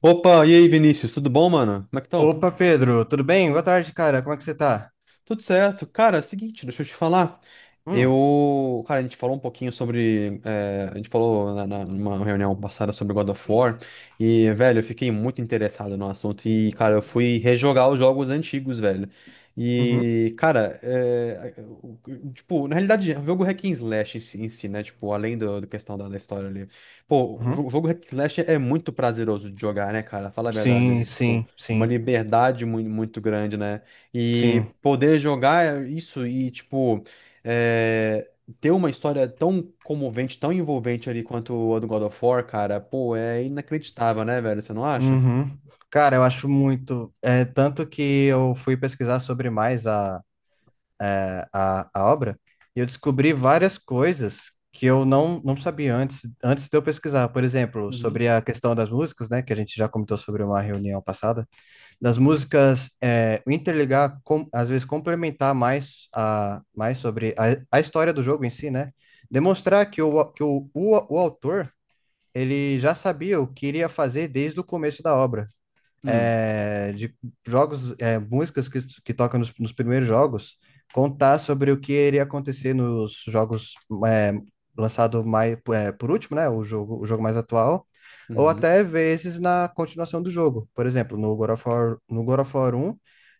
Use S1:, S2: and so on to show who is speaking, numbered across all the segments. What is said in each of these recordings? S1: Opa, e aí, Vinícius, tudo bom, mano? Como é que estão?
S2: Opa, Pedro, tudo bem? Boa tarde, cara. Como é que você tá?
S1: Tudo certo. Cara, é o seguinte, deixa eu te falar.
S2: Hum.
S1: Eu. Cara, a gente falou um pouquinho sobre, a gente falou numa reunião passada sobre God of War. E, velho, eu fiquei muito interessado no assunto. E, cara, eu fui rejogar os jogos antigos, velho.
S2: Uhum,
S1: E, cara, tipo, na realidade, o jogo Hack and Slash em si, né? Tipo, além do questão da história ali. Pô,
S2: uhum.
S1: o jogo Hack and Slash é muito prazeroso de jogar, né, cara? Fala a verdade
S2: Sim,
S1: ali, tipo,
S2: sim,
S1: é uma
S2: sim,
S1: liberdade muito grande, né? E
S2: sim.
S1: poder jogar isso e, tipo, é, ter uma história tão comovente, tão envolvente ali quanto a do God of War, cara, pô, é inacreditável, né, velho? Você não acha?
S2: Uhum. Cara, eu acho muito. Tanto que eu fui pesquisar sobre mais a obra e eu descobri várias coisas que eu não sabia antes de eu pesquisar. Por exemplo,
S1: Uhum.
S2: sobre a questão das músicas, né? Que a gente já comentou sobre uma reunião passada. Das músicas interligar, com, às vezes complementar mais sobre a história do jogo em si, né? Demonstrar que o autor ele já sabia o que iria fazer desde o começo da obra,
S1: Hum,
S2: de jogos, músicas que tocam nos primeiros jogos, contar sobre o que iria acontecer nos jogos, é, lançado mais, por último, né? O jogo mais atual, ou
S1: uhum.
S2: até vezes na continuação do jogo. Por exemplo, no God of War 1,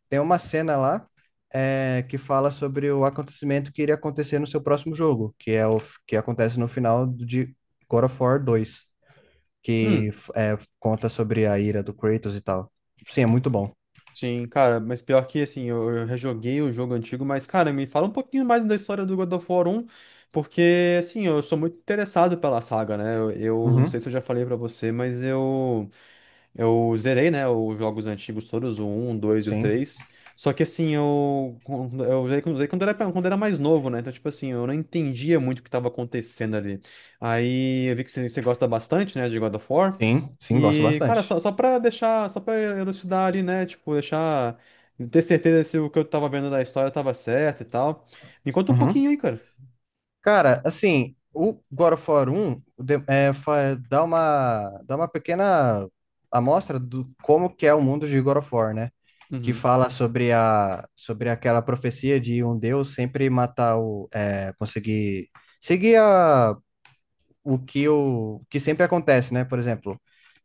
S2: tem uma cena lá, que fala sobre o acontecimento que iria acontecer no seu próximo jogo, que é o que acontece no final de God of War 2,
S1: Hum,
S2: conta sobre a ira do Kratos e tal. Sim, é muito bom.
S1: sim, cara, mas pior que assim, eu rejoguei o jogo antigo, mas, cara, me fala um pouquinho mais da história do God of War um, porque, assim, eu sou muito interessado pela saga, né? Eu não
S2: Uhum.
S1: sei se eu já falei pra você, Eu zerei, né, os jogos antigos todos, o 1, o 2 e o
S2: Sim,
S1: três. Só que assim, eu, eu zerei quando era mais novo, né? Então, tipo assim, eu não entendia muito o que estava acontecendo ali. Aí eu vi que você gosta bastante, né, de God of War.
S2: sim, sim, gosto
S1: E, cara,
S2: bastante.
S1: só pra deixar, só pra elucidar ali, né? Tipo, deixar, ter certeza se o que eu tava vendo da história tava certo e tal. Me conta um
S2: Uhum.
S1: pouquinho aí, cara.
S2: Cara, assim, o God of War 1, dá uma pequena amostra do como que é o mundo de God of War, né? Que
S1: Uhum,
S2: fala sobre aquela profecia de um deus sempre matar conseguir seguir o que sempre acontece, né? Por exemplo,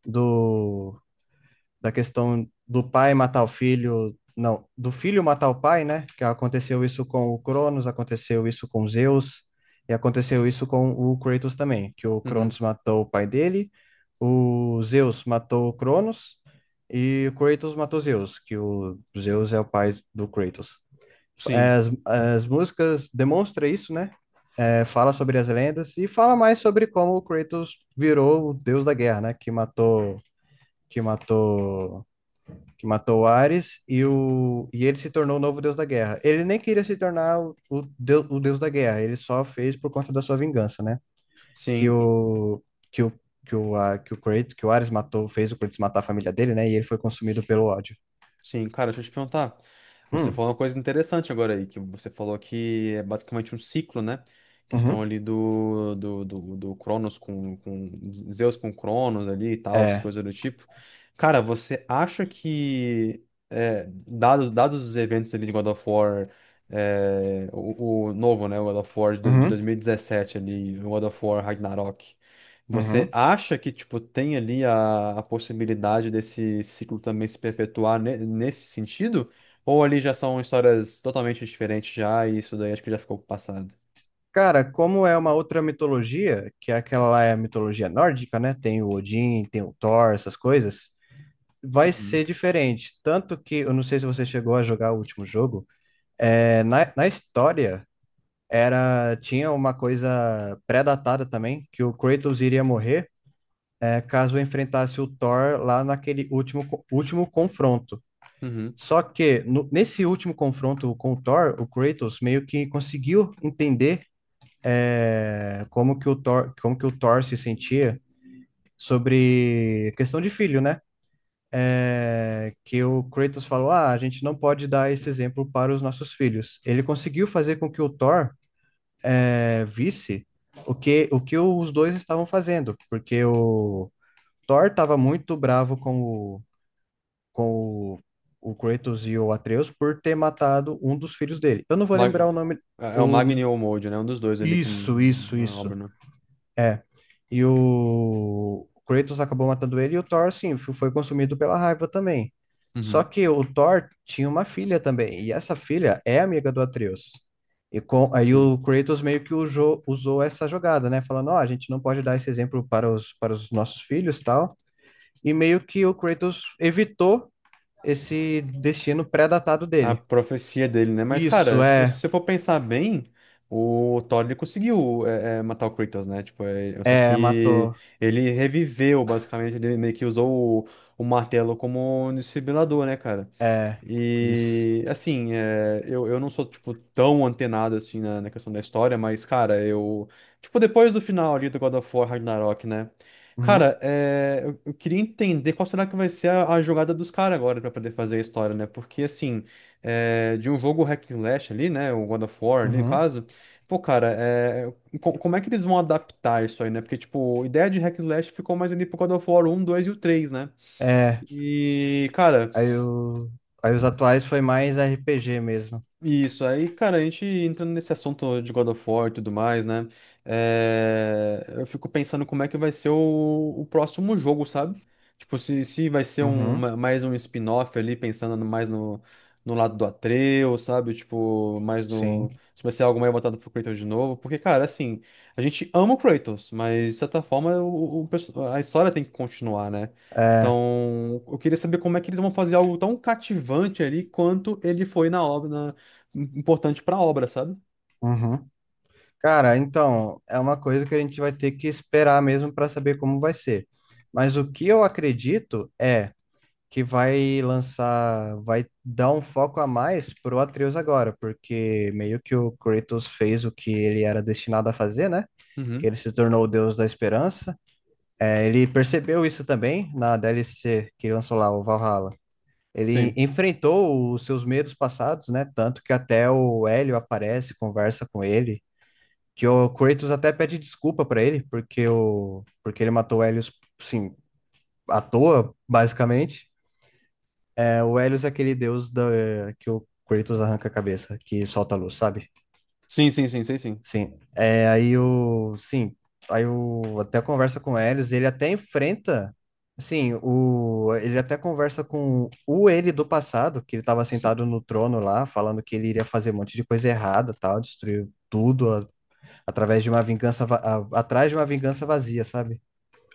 S2: do da questão do pai matar o filho. Não, do filho matar o pai, né? Que aconteceu isso com o Cronos, aconteceu isso com Zeus e aconteceu isso com o Kratos também. Que o
S1: uhum.
S2: Cronos matou o pai dele, o Zeus matou o Cronos e o Kratos matou Zeus, que o Zeus é o pai do Kratos. É,
S1: Sim,
S2: As, as músicas demonstra isso, né? Fala sobre as lendas e fala mais sobre como o Kratos virou o deus da guerra, né? Que matou que matou o Ares, e ele se tornou o novo deus da guerra. Ele nem queria se tornar o deus da guerra, ele só fez por conta da sua vingança, né? Que
S1: sim.
S2: o, que o Kratos, que o Ares matou, fez o Kratos matar a família dele, né? E ele foi consumido pelo ódio.
S1: Sim, cara, deixa eu te perguntar. Você
S2: Hum.
S1: falou uma coisa interessante agora aí, que você falou que é basicamente um ciclo, né? Questão
S2: Uhum.
S1: ali do Cronos com Zeus com Cronos ali e tal, as
S2: É.
S1: coisas do tipo. Cara, você acha que, é, dados os eventos ali de God of War, é, o novo, né? O God of War de
S2: Uhum,
S1: 2017 ali, o God of War Ragnarok. Você
S2: uhum.
S1: acha que, tipo, tem ali a possibilidade desse ciclo também se perpetuar nesse sentido? Ou ali já são histórias totalmente diferentes já, e isso daí acho que já ficou pro passado?
S2: Cara, como é uma outra mitologia, que é aquela lá, é a mitologia nórdica, né? Tem o Odin, tem o Thor, essas coisas. Vai
S1: Uhum.
S2: ser diferente. Tanto que eu não sei se você chegou a jogar o último jogo. Na história, era tinha uma coisa pré-datada também, que o Kratos iria morrer, caso enfrentasse o Thor lá naquele último, último confronto.
S1: Uhum.
S2: Só que nesse último confronto com o Thor, o Kratos meio que conseguiu entender, como que o Thor se sentia sobre questão de filho, né? Que o Kratos falou, ah, a gente não pode dar esse exemplo para os nossos filhos. Ele conseguiu fazer com que o Thor visse o que os dois estavam fazendo, porque o Thor estava muito bravo o, com o Kratos e o Atreus por ter matado um dos filhos dele. Eu não vou
S1: Mag-
S2: lembrar o nome.
S1: É é o
S2: O...
S1: Magni ou o Mojo, né? Um dos dois ali que...
S2: Isso, isso,
S1: uma
S2: isso.
S1: obra, né?
S2: É. E o Kratos acabou matando ele e o Thor, sim, foi consumido pela raiva também. Só
S1: Uhum.
S2: que o Thor tinha uma filha também, e essa filha é amiga do Atreus. Aí
S1: Sim.
S2: o Kratos meio que usou essa jogada, né? Falando, ó, a gente não pode dar esse exemplo para os nossos filhos, tal. E meio que o Kratos evitou esse destino pré-datado
S1: A
S2: dele.
S1: profecia dele, né? Mas,
S2: Isso.
S1: cara, se você se
S2: É,
S1: você for pensar bem, o Thor ele conseguiu matar o Kratos, né? Tipo, só
S2: é,
S1: que
S2: matou.
S1: ele reviveu, basicamente, ele meio que usou o martelo como um desfibrilador, né, cara?
S2: É, isso.
S1: E assim, é, eu não sou, tipo, tão antenado assim na questão da história, mas, cara, eu. Tipo, depois do final ali do God of War Ragnarok, né?
S2: Uhum,
S1: Cara, é, eu queria entender qual será que vai ser a jogada dos caras agora pra poder fazer a história, né? Porque, assim, é, de um jogo hack and slash ali, né? O God of War ali, no
S2: uhum.
S1: caso. Pô, cara, é, como é que eles vão adaptar isso aí, né? Porque, tipo, a ideia de hack and slash ficou mais ali pro God of War 1, 2 e o três, né?
S2: É.
S1: E, cara.
S2: Aí, o... Aí os atuais foi mais RPG mesmo.
S1: Isso, aí, cara, a gente entrando nesse assunto de God of War e tudo mais, né? É, eu fico pensando como é que vai ser o próximo jogo, sabe? Tipo, se vai ser um,
S2: Uhum,
S1: mais um spin-off ali, pensando mais no, no lado do Atreus, sabe? Tipo, mais no.
S2: sim.
S1: Se vai ser algo mais voltado pro Kratos de novo. Porque, cara, assim, a gente ama o Kratos, mas de certa forma a história tem que continuar, né?
S2: É.
S1: Então, eu queria saber como é que eles vão fazer algo tão cativante ali quanto ele foi na obra, importante pra obra, sabe?
S2: Uhum. Cara, então, é uma coisa que a gente vai ter que esperar mesmo para saber como vai ser. Mas o que eu acredito é que vai lançar, vai dar um foco a mais pro Atreus agora, porque meio que o Kratos fez o que ele era destinado a fazer, né? Que
S1: Uhum.
S2: ele se tornou o Deus da Esperança. Ele percebeu isso também na DLC que lançou lá, o Valhalla. Ele
S1: Sim.
S2: enfrentou os seus medos passados, né? Tanto que até o Hélio aparece, conversa com ele. Que o Kratos até pede desculpa pra ele, porque, porque ele matou o Hélio, sim, à toa, basicamente. O Helios é aquele deus que o Kratos arranca a cabeça, que solta a luz, sabe?
S1: Sim, sim, sim, sei sim.
S2: Sim. Sim, até conversa com o Helios. Ele até enfrenta, sim, ele até conversa com o ele do passado, que ele estava sentado no trono lá, falando que ele iria fazer um monte de coisa errada, tal, destruir tudo através de uma vingança, atrás de uma vingança vazia, sabe?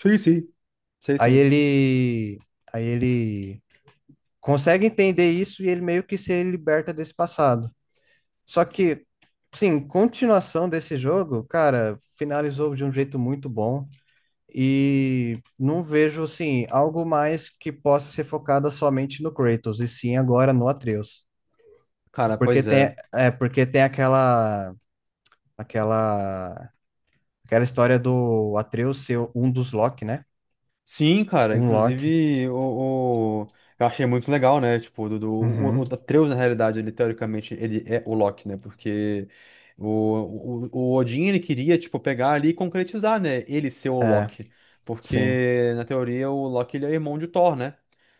S1: Sim, sim. Sei
S2: Aí
S1: sim.
S2: ele, aí ele consegue entender isso e ele meio que se liberta desse passado. Só que, sim, continuação desse jogo, cara, finalizou de um jeito muito bom. E não vejo, assim, algo mais que possa ser focada somente no Kratos, e sim agora no Atreus.
S1: Cara,
S2: Porque
S1: pois
S2: tem,
S1: é.
S2: é, porque tem aquela, aquela história do Atreus ser um dos Loki, né?
S1: Sim, cara,
S2: Um Loki.
S1: inclusive eu achei muito legal, né? Tipo, o
S2: Uhum.
S1: Atreus, na realidade, ele teoricamente ele é o Loki, né? Porque o, o Odin ele queria, tipo, pegar ali e concretizar, né? Ele ser o
S2: É,
S1: Loki.
S2: sim.
S1: Porque, na teoria, o Loki ele é irmão de Thor, né?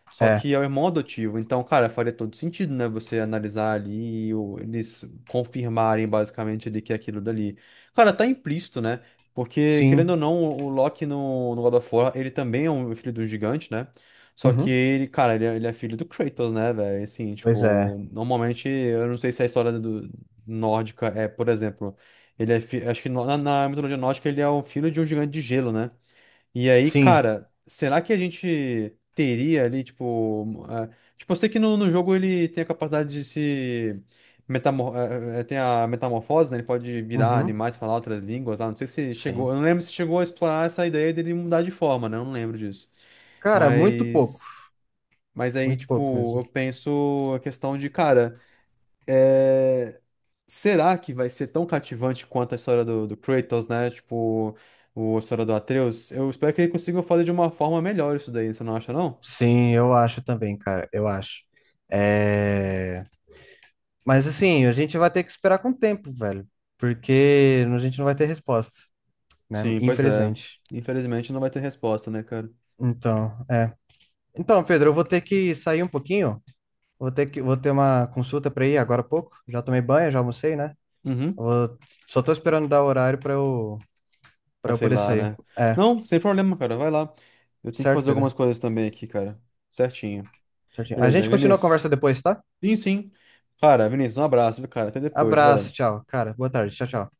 S1: Só
S2: É,
S1: que é o irmão adotivo. Então, cara, faria todo sentido, né? Você analisar ali, e eles confirmarem basicamente ali que é aquilo dali. Cara, tá implícito, né? Porque, querendo ou
S2: sim.
S1: não, o Loki no God of War, ele também é um filho do gigante, né? Só que
S2: Uhum.
S1: ele, cara, ele é filho do Kratos, né, velho? Assim,
S2: Pois
S1: tipo,
S2: é.
S1: normalmente, eu não sei se a história do, nórdica é, por exemplo, ele é, acho que na mitologia nórdica ele é o filho de um gigante de gelo, né? E aí,
S2: Sim.
S1: cara, será que a gente teria ali, tipo. Ah, tipo, eu sei que no jogo ele tem a capacidade de se. Metamor eh, eh, eh, tem a metamorfose, né? Ele pode virar
S2: Uhum.
S1: animais, falar outras línguas lá. Não sei se chegou.
S2: Sim.
S1: Eu não lembro se chegou a explorar essa ideia dele mudar de forma, né? Eu não lembro disso.
S2: Cara, muito pouco.
S1: Mas. Mas aí,
S2: Muito pouco
S1: tipo,
S2: mesmo.
S1: eu penso a questão de, cara. eh, Será que vai ser tão cativante quanto a história do Kratos, né? Tipo, a história do Atreus? Eu espero que ele consiga fazer de uma forma melhor isso daí, você não acha, não?
S2: Sim, eu acho também, cara, eu acho. É... Mas assim, a gente vai ter que esperar com o tempo, velho, porque a gente não vai ter resposta, né?
S1: Sim, pois é.
S2: Infelizmente.
S1: Infelizmente não vai ter resposta, né, cara?
S2: Então, é. Então, Pedro, eu vou ter que sair um pouquinho, vou ter uma consulta para ir agora há pouco. Já tomei banho, já almocei, né?
S1: Uhum,
S2: Eu vou- Só tô esperando dar o horário para eu
S1: pra sei
S2: poder
S1: lá,
S2: sair.
S1: né?
S2: É,
S1: Não, sem problema, cara, vai lá. Eu tenho que
S2: certo,
S1: fazer algumas
S2: Pedro?
S1: coisas também aqui, cara. Certinho.
S2: Certinho. A
S1: Beleza,
S2: gente continua a
S1: Vinícius?
S2: conversa depois, tá?
S1: Sim, sim. Cara, Vinícius, um abraço, viu, cara? Até depois,
S2: Abraço,
S1: velho.
S2: tchau, cara. Boa tarde, tchau, tchau.